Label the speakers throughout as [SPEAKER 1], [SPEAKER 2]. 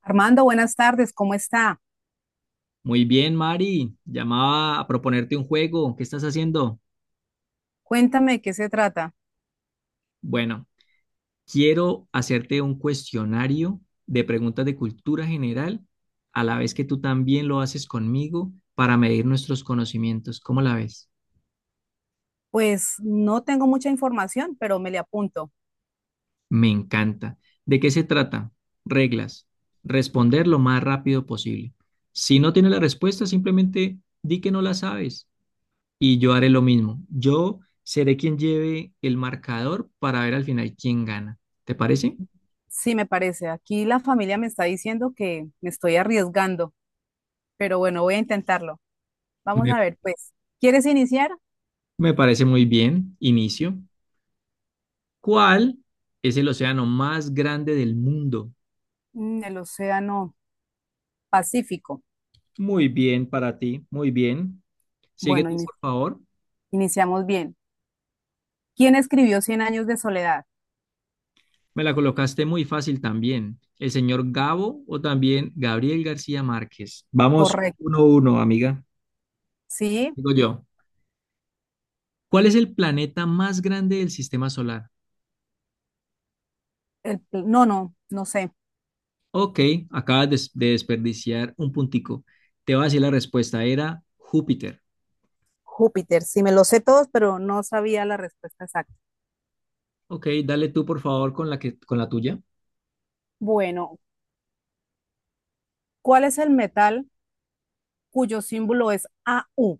[SPEAKER 1] Armando, buenas tardes, ¿cómo está?
[SPEAKER 2] Muy bien, Mari. Llamaba a proponerte un juego. ¿Qué estás haciendo?
[SPEAKER 1] Cuéntame de qué se trata.
[SPEAKER 2] Bueno, quiero hacerte un cuestionario de preguntas de cultura general, a la vez que tú también lo haces conmigo para medir nuestros conocimientos. ¿Cómo la ves?
[SPEAKER 1] Pues no tengo mucha información, pero me le apunto.
[SPEAKER 2] Me encanta. ¿De qué se trata? Reglas. Responder lo más rápido posible. Si no tienes la respuesta, simplemente di que no la sabes. Y yo haré lo mismo. Yo seré quien lleve el marcador para ver al final quién gana. ¿Te parece?
[SPEAKER 1] Sí, me parece. Aquí la familia me está diciendo que me estoy arriesgando, pero bueno, voy a intentarlo. Vamos
[SPEAKER 2] Me,
[SPEAKER 1] a ver, pues, ¿quieres iniciar?
[SPEAKER 2] me parece muy bien. Inicio. ¿Cuál es el océano más grande del mundo?
[SPEAKER 1] El Océano Pacífico.
[SPEAKER 2] Muy bien para ti, muy bien. Sigue
[SPEAKER 1] Bueno,
[SPEAKER 2] tú, por favor.
[SPEAKER 1] iniciamos bien. ¿Quién escribió Cien años de soledad?
[SPEAKER 2] Me la colocaste muy fácil también. El señor Gabo o también Gabriel García Márquez. Vamos
[SPEAKER 1] Correcto.
[SPEAKER 2] 1-1, amiga.
[SPEAKER 1] Sí,
[SPEAKER 2] Digo yo. ¿Cuál es el planeta más grande del sistema solar?
[SPEAKER 1] no, no, no sé.
[SPEAKER 2] Ok, acabas de desperdiciar un puntico. Te voy a decir la respuesta, era Júpiter.
[SPEAKER 1] Júpiter, sí me lo sé todos, pero no sabía la respuesta exacta.
[SPEAKER 2] Ok, dale tú por favor con la tuya.
[SPEAKER 1] Bueno, ¿cuál es el metal cuyo símbolo es AU,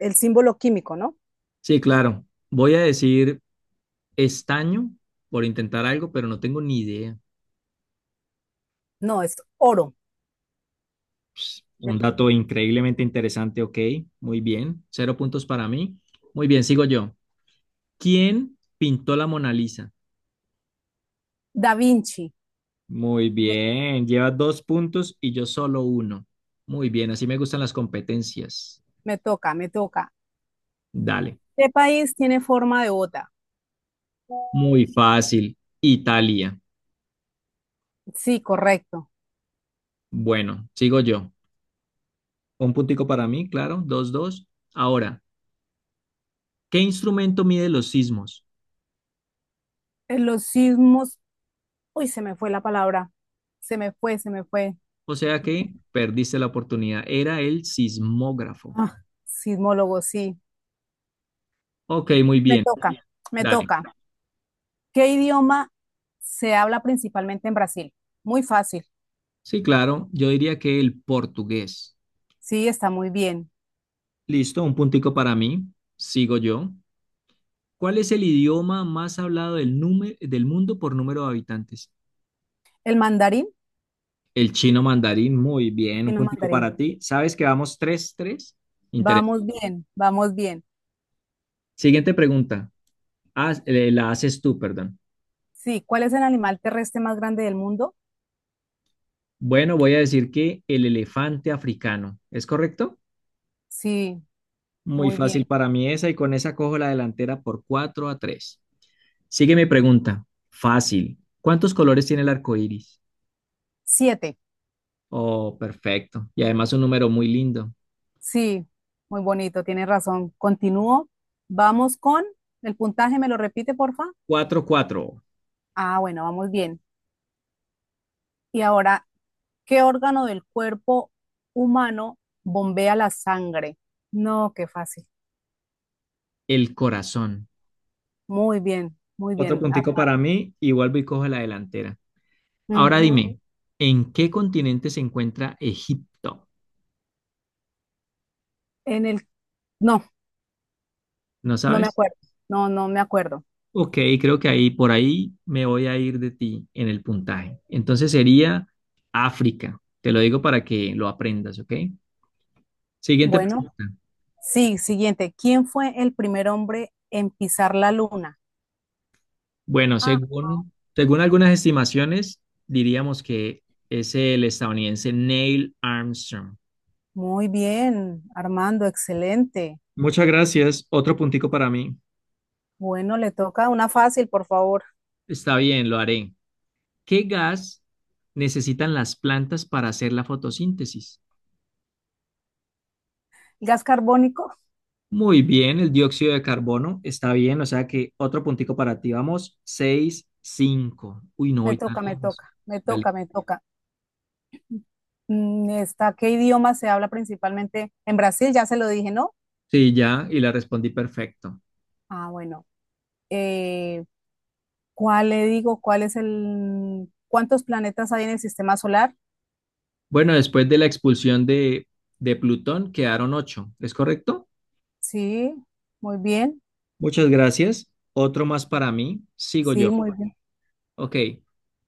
[SPEAKER 1] el símbolo químico, ¿no?
[SPEAKER 2] Sí, claro. Voy a decir estaño por intentar algo, pero no tengo ni idea.
[SPEAKER 1] No, es oro.
[SPEAKER 2] Un dato increíblemente interesante, ok, muy bien. Cero puntos para mí. Muy bien, sigo yo. ¿Quién pintó la Mona Lisa?
[SPEAKER 1] Da Vinci.
[SPEAKER 2] Muy
[SPEAKER 1] me,
[SPEAKER 2] bien, llevas dos puntos y yo solo uno. Muy bien, así me gustan las competencias.
[SPEAKER 1] me toca, me toca.
[SPEAKER 2] Dale.
[SPEAKER 1] ¿Qué país tiene forma de bota?
[SPEAKER 2] Muy fácil. Italia.
[SPEAKER 1] Sí, correcto.
[SPEAKER 2] Bueno, sigo yo. Un puntico para mí, claro. 2-2. Ahora, ¿qué instrumento mide los sismos?
[SPEAKER 1] En los sismos, uy, se me fue la palabra, se me fue, se me fue.
[SPEAKER 2] O sea que perdiste la oportunidad. Era el sismógrafo.
[SPEAKER 1] Ah, sismólogo, sí,
[SPEAKER 2] Ok, muy
[SPEAKER 1] me
[SPEAKER 2] bien.
[SPEAKER 1] toca, me
[SPEAKER 2] Dale.
[SPEAKER 1] toca. ¿Qué idioma se habla principalmente en Brasil? Muy fácil,
[SPEAKER 2] Sí, claro. Yo diría que el portugués.
[SPEAKER 1] sí, está muy bien.
[SPEAKER 2] Listo, un puntico para mí. Sigo yo. ¿Cuál es el idioma más hablado del mundo por número de habitantes?
[SPEAKER 1] ¿El mandarín?
[SPEAKER 2] El chino mandarín. Muy bien,
[SPEAKER 1] Sí,
[SPEAKER 2] un
[SPEAKER 1] no,
[SPEAKER 2] puntico
[SPEAKER 1] mandarín.
[SPEAKER 2] para ti. ¿Sabes que vamos tres? 3.
[SPEAKER 1] Vamos bien, vamos bien.
[SPEAKER 2] Siguiente pregunta. La haces tú, perdón.
[SPEAKER 1] Sí, ¿cuál es el animal terrestre más grande del mundo?
[SPEAKER 2] Bueno, voy a decir que el elefante africano. ¿Es correcto?
[SPEAKER 1] Sí,
[SPEAKER 2] Muy
[SPEAKER 1] muy
[SPEAKER 2] fácil
[SPEAKER 1] bien.
[SPEAKER 2] para mí esa y con esa cojo la delantera por 4-3. Sigue mi pregunta. Fácil. ¿Cuántos colores tiene el arco iris?
[SPEAKER 1] Siete.
[SPEAKER 2] Oh, perfecto. Y además un número muy lindo.
[SPEAKER 1] Sí, muy bonito, tienes razón. Continúo. Vamos con el puntaje, ¿me lo repite, porfa?
[SPEAKER 2] 4-4.
[SPEAKER 1] Ah, bueno, vamos bien. Y ahora, ¿qué órgano del cuerpo humano bombea la sangre? No, qué fácil.
[SPEAKER 2] El corazón.
[SPEAKER 1] Muy
[SPEAKER 2] Otro
[SPEAKER 1] bien,
[SPEAKER 2] puntico
[SPEAKER 1] Armando.
[SPEAKER 2] para mí y vuelvo y cojo la delantera. Ahora
[SPEAKER 1] Ujú.
[SPEAKER 2] dime, ¿en qué continente se encuentra Egipto?
[SPEAKER 1] En el... No,
[SPEAKER 2] ¿No
[SPEAKER 1] no me
[SPEAKER 2] sabes?
[SPEAKER 1] acuerdo. No, no me acuerdo.
[SPEAKER 2] Ok, creo que ahí por ahí me voy a ir de ti en el puntaje. Entonces sería África. Te lo digo para que lo aprendas, ¿ok? Siguiente
[SPEAKER 1] Bueno,
[SPEAKER 2] pregunta.
[SPEAKER 1] sí, siguiente. ¿Quién fue el primer hombre en pisar la luna?
[SPEAKER 2] Bueno,
[SPEAKER 1] Ah,
[SPEAKER 2] según algunas estimaciones, diríamos que es el estadounidense Neil Armstrong.
[SPEAKER 1] muy bien, Armando, excelente.
[SPEAKER 2] Muchas gracias. Otro puntico para mí.
[SPEAKER 1] Bueno, le toca una fácil, por favor.
[SPEAKER 2] Está bien, lo haré. ¿Qué gas necesitan las plantas para hacer la fotosíntesis?
[SPEAKER 1] Gas carbónico,
[SPEAKER 2] Muy bien, el dióxido de carbono está bien, o sea que otro puntico para ti. Vamos, 6-5. Uy, no
[SPEAKER 1] me
[SPEAKER 2] voy tan
[SPEAKER 1] toca, me
[SPEAKER 2] lejos.
[SPEAKER 1] toca, me
[SPEAKER 2] Dale.
[SPEAKER 1] toca, me toca. ¿Qué idioma se habla principalmente en Brasil? Ya se lo dije, ¿no?
[SPEAKER 2] Sí, ya, y la respondí perfecto.
[SPEAKER 1] Ah, bueno. Eh, ¿Cuál le digo? ¿Cuántos planetas hay en el sistema solar?
[SPEAKER 2] Bueno, después de la expulsión de Plutón quedaron 8, ¿es correcto?
[SPEAKER 1] Sí, muy bien,
[SPEAKER 2] Muchas gracias. Otro más para mí. Sigo
[SPEAKER 1] sí,
[SPEAKER 2] yo.
[SPEAKER 1] muy bien.
[SPEAKER 2] Ok.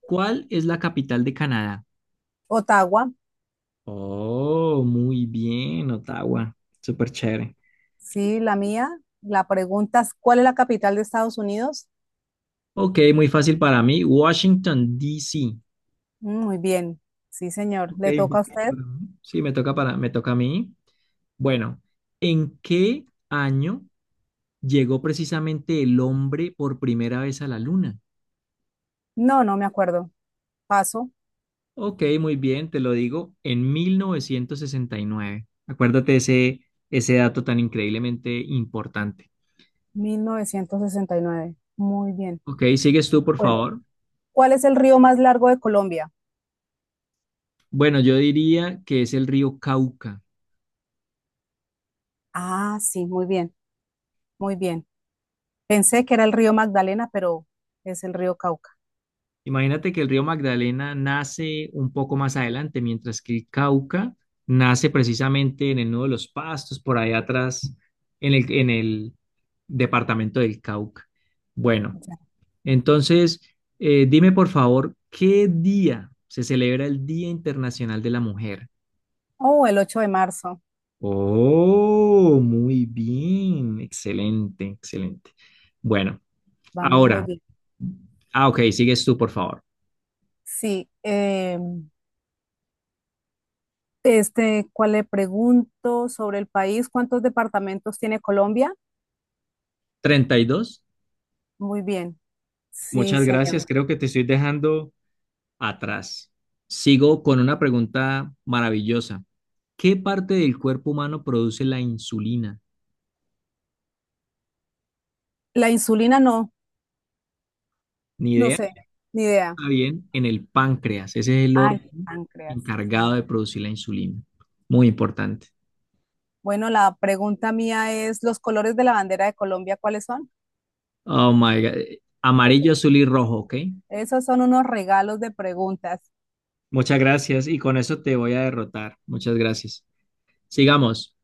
[SPEAKER 2] ¿Cuál es la capital de Canadá?
[SPEAKER 1] Ottawa,
[SPEAKER 2] Oh, muy bien, Ottawa. Súper chévere.
[SPEAKER 1] sí, la mía. La pregunta es, ¿cuál es la capital de Estados Unidos?
[SPEAKER 2] Ok, muy fácil para mí. Washington, D.C.
[SPEAKER 1] Muy bien, sí, señor.
[SPEAKER 2] Ok,
[SPEAKER 1] ¿Le toca a usted?
[SPEAKER 2] 24, ¿no? Sí, me toca a mí. Bueno, ¿en qué año llegó precisamente el hombre por primera vez a la luna?
[SPEAKER 1] No, no me acuerdo. Paso,
[SPEAKER 2] Ok, muy bien, te lo digo, en 1969. Acuérdate ese dato tan increíblemente importante.
[SPEAKER 1] 1969. Muy bien.
[SPEAKER 2] Ok, sigues tú, por
[SPEAKER 1] Bueno,
[SPEAKER 2] favor.
[SPEAKER 1] ¿cuál es el río más largo de Colombia?
[SPEAKER 2] Bueno, yo diría que es el río Cauca.
[SPEAKER 1] Ah, sí, muy bien, muy bien. Pensé que era el río Magdalena, pero es el río Cauca.
[SPEAKER 2] Imagínate que el río Magdalena nace un poco más adelante, mientras que el Cauca nace precisamente en el Nudo de los Pastos, por allá atrás, en el departamento del Cauca. Bueno,
[SPEAKER 1] Ya.
[SPEAKER 2] entonces, dime por favor, ¿qué día se celebra el Día Internacional de la Mujer?
[SPEAKER 1] Oh, el 8 de marzo.
[SPEAKER 2] Oh, muy bien, excelente, excelente. Bueno,
[SPEAKER 1] Vamos muy
[SPEAKER 2] ahora,
[SPEAKER 1] bien.
[SPEAKER 2] ok, sigues tú, por favor.
[SPEAKER 1] Sí, este, ¿cuál le pregunto sobre el país? ¿Cuántos departamentos tiene Colombia?
[SPEAKER 2] ¿32?
[SPEAKER 1] Muy bien. Sí,
[SPEAKER 2] Muchas gracias.
[SPEAKER 1] señor.
[SPEAKER 2] Creo que te estoy dejando atrás. Sigo con una pregunta maravillosa. ¿Qué parte del cuerpo humano produce la insulina?
[SPEAKER 1] La insulina no,
[SPEAKER 2] Ni
[SPEAKER 1] no
[SPEAKER 2] idea.
[SPEAKER 1] sé, ni idea.
[SPEAKER 2] Está bien, en el páncreas. Ese es el
[SPEAKER 1] Ah, el
[SPEAKER 2] órgano
[SPEAKER 1] páncreas, sí,
[SPEAKER 2] encargado
[SPEAKER 1] señor.
[SPEAKER 2] de producir la insulina. Muy importante.
[SPEAKER 1] Bueno, la pregunta mía es, ¿los colores de la bandera de Colombia cuáles son?
[SPEAKER 2] Oh my God. Amarillo, azul y rojo, ¿ok?
[SPEAKER 1] Esos son unos regalos de preguntas.
[SPEAKER 2] Muchas gracias. Y con eso te voy a derrotar. Muchas gracias. Sigamos.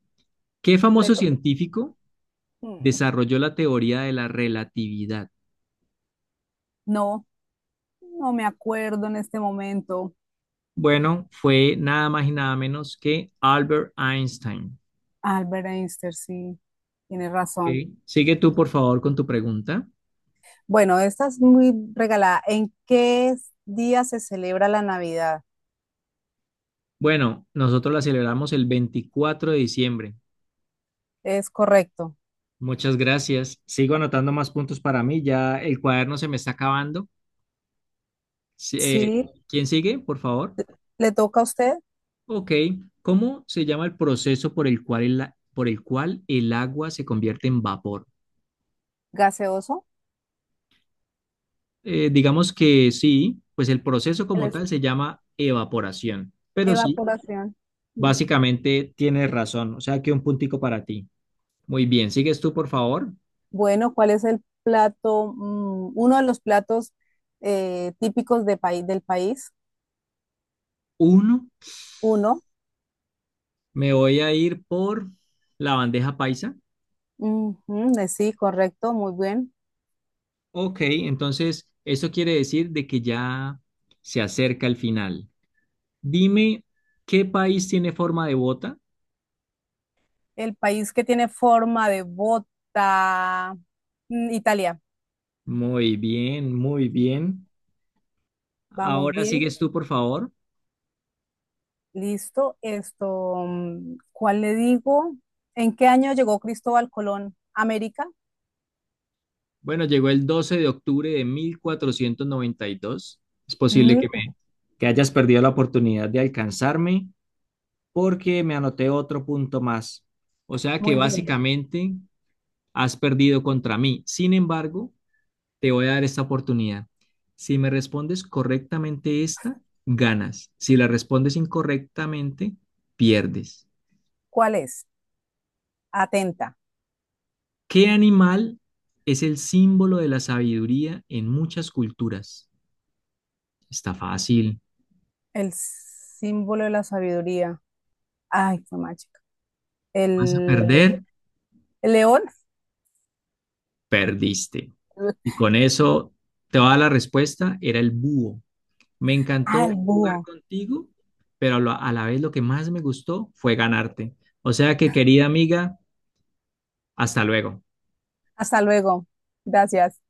[SPEAKER 2] ¿Qué
[SPEAKER 1] Le
[SPEAKER 2] famoso
[SPEAKER 1] to-
[SPEAKER 2] científico
[SPEAKER 1] Mm,
[SPEAKER 2] desarrolló la teoría de la relatividad?
[SPEAKER 1] No, no me acuerdo en este momento.
[SPEAKER 2] Bueno, fue nada más y nada menos que Albert Einstein.
[SPEAKER 1] Albert Einstein, sí, tiene razón.
[SPEAKER 2] ¿Ok? Sigue tú, por favor, con tu pregunta.
[SPEAKER 1] Bueno, esta es muy regalada. ¿En qué día se celebra la Navidad?
[SPEAKER 2] Bueno, nosotros la celebramos el 24 de diciembre.
[SPEAKER 1] Es correcto.
[SPEAKER 2] Muchas gracias. Sigo anotando más puntos para mí. Ya el cuaderno se me está acabando. Sí,
[SPEAKER 1] Sí,
[SPEAKER 2] ¿quién sigue, por favor?
[SPEAKER 1] le toca a usted,
[SPEAKER 2] Ok. ¿Cómo se llama el proceso por el cual el agua se convierte en vapor?
[SPEAKER 1] gaseoso,
[SPEAKER 2] Digamos que sí, pues el proceso como
[SPEAKER 1] ele-
[SPEAKER 2] tal se llama evaporación. Pero sí,
[SPEAKER 1] evaporación. Mm.
[SPEAKER 2] básicamente tienes razón, o sea, aquí un puntico para ti. Muy bien, sigues tú, por favor.
[SPEAKER 1] Bueno, ¿cuál es el plato, uno de los platos típicos de del país?
[SPEAKER 2] Uno,
[SPEAKER 1] Uno.
[SPEAKER 2] me voy a ir por la bandeja paisa.
[SPEAKER 1] Ujú, sí, correcto, muy bien.
[SPEAKER 2] Ok, entonces eso quiere decir de que ya se acerca el final. Dime, ¿qué país tiene forma de bota?
[SPEAKER 1] El país que tiene forma de bota, Italia.
[SPEAKER 2] Muy bien, muy bien.
[SPEAKER 1] Vamos
[SPEAKER 2] Ahora
[SPEAKER 1] bien,
[SPEAKER 2] sigues tú, por favor.
[SPEAKER 1] listo. Esto, ¿cuál le digo? ¿En qué año llegó Cristóbal Colón a América?
[SPEAKER 2] Bueno, llegó el 12 de octubre de 1492. Es posible que
[SPEAKER 1] Mm,
[SPEAKER 2] me, que hayas perdido la oportunidad de alcanzarme, porque me anoté otro punto más. O sea que
[SPEAKER 1] Muy bien.
[SPEAKER 2] básicamente has perdido contra mí. Sin embargo, te voy a dar esta oportunidad. Si me respondes correctamente esta, ganas. Si la respondes incorrectamente, pierdes.
[SPEAKER 1] ¿Cuál es? Atenta.
[SPEAKER 2] ¿Qué animal es el símbolo de la sabiduría en muchas culturas? Está fácil.
[SPEAKER 1] El símbolo de la sabiduría. Ay, qué macho.
[SPEAKER 2] ¿Vas a
[SPEAKER 1] El
[SPEAKER 2] perder?
[SPEAKER 1] El león.
[SPEAKER 2] Perdiste. Y con eso te va a dar la respuesta, era el búho. Me
[SPEAKER 1] Ah, el
[SPEAKER 2] encantó jugar
[SPEAKER 1] búho.
[SPEAKER 2] contigo, pero a la vez lo que más me gustó fue ganarte. O sea que, querida amiga, hasta luego.
[SPEAKER 1] Hasta luego. Gracias.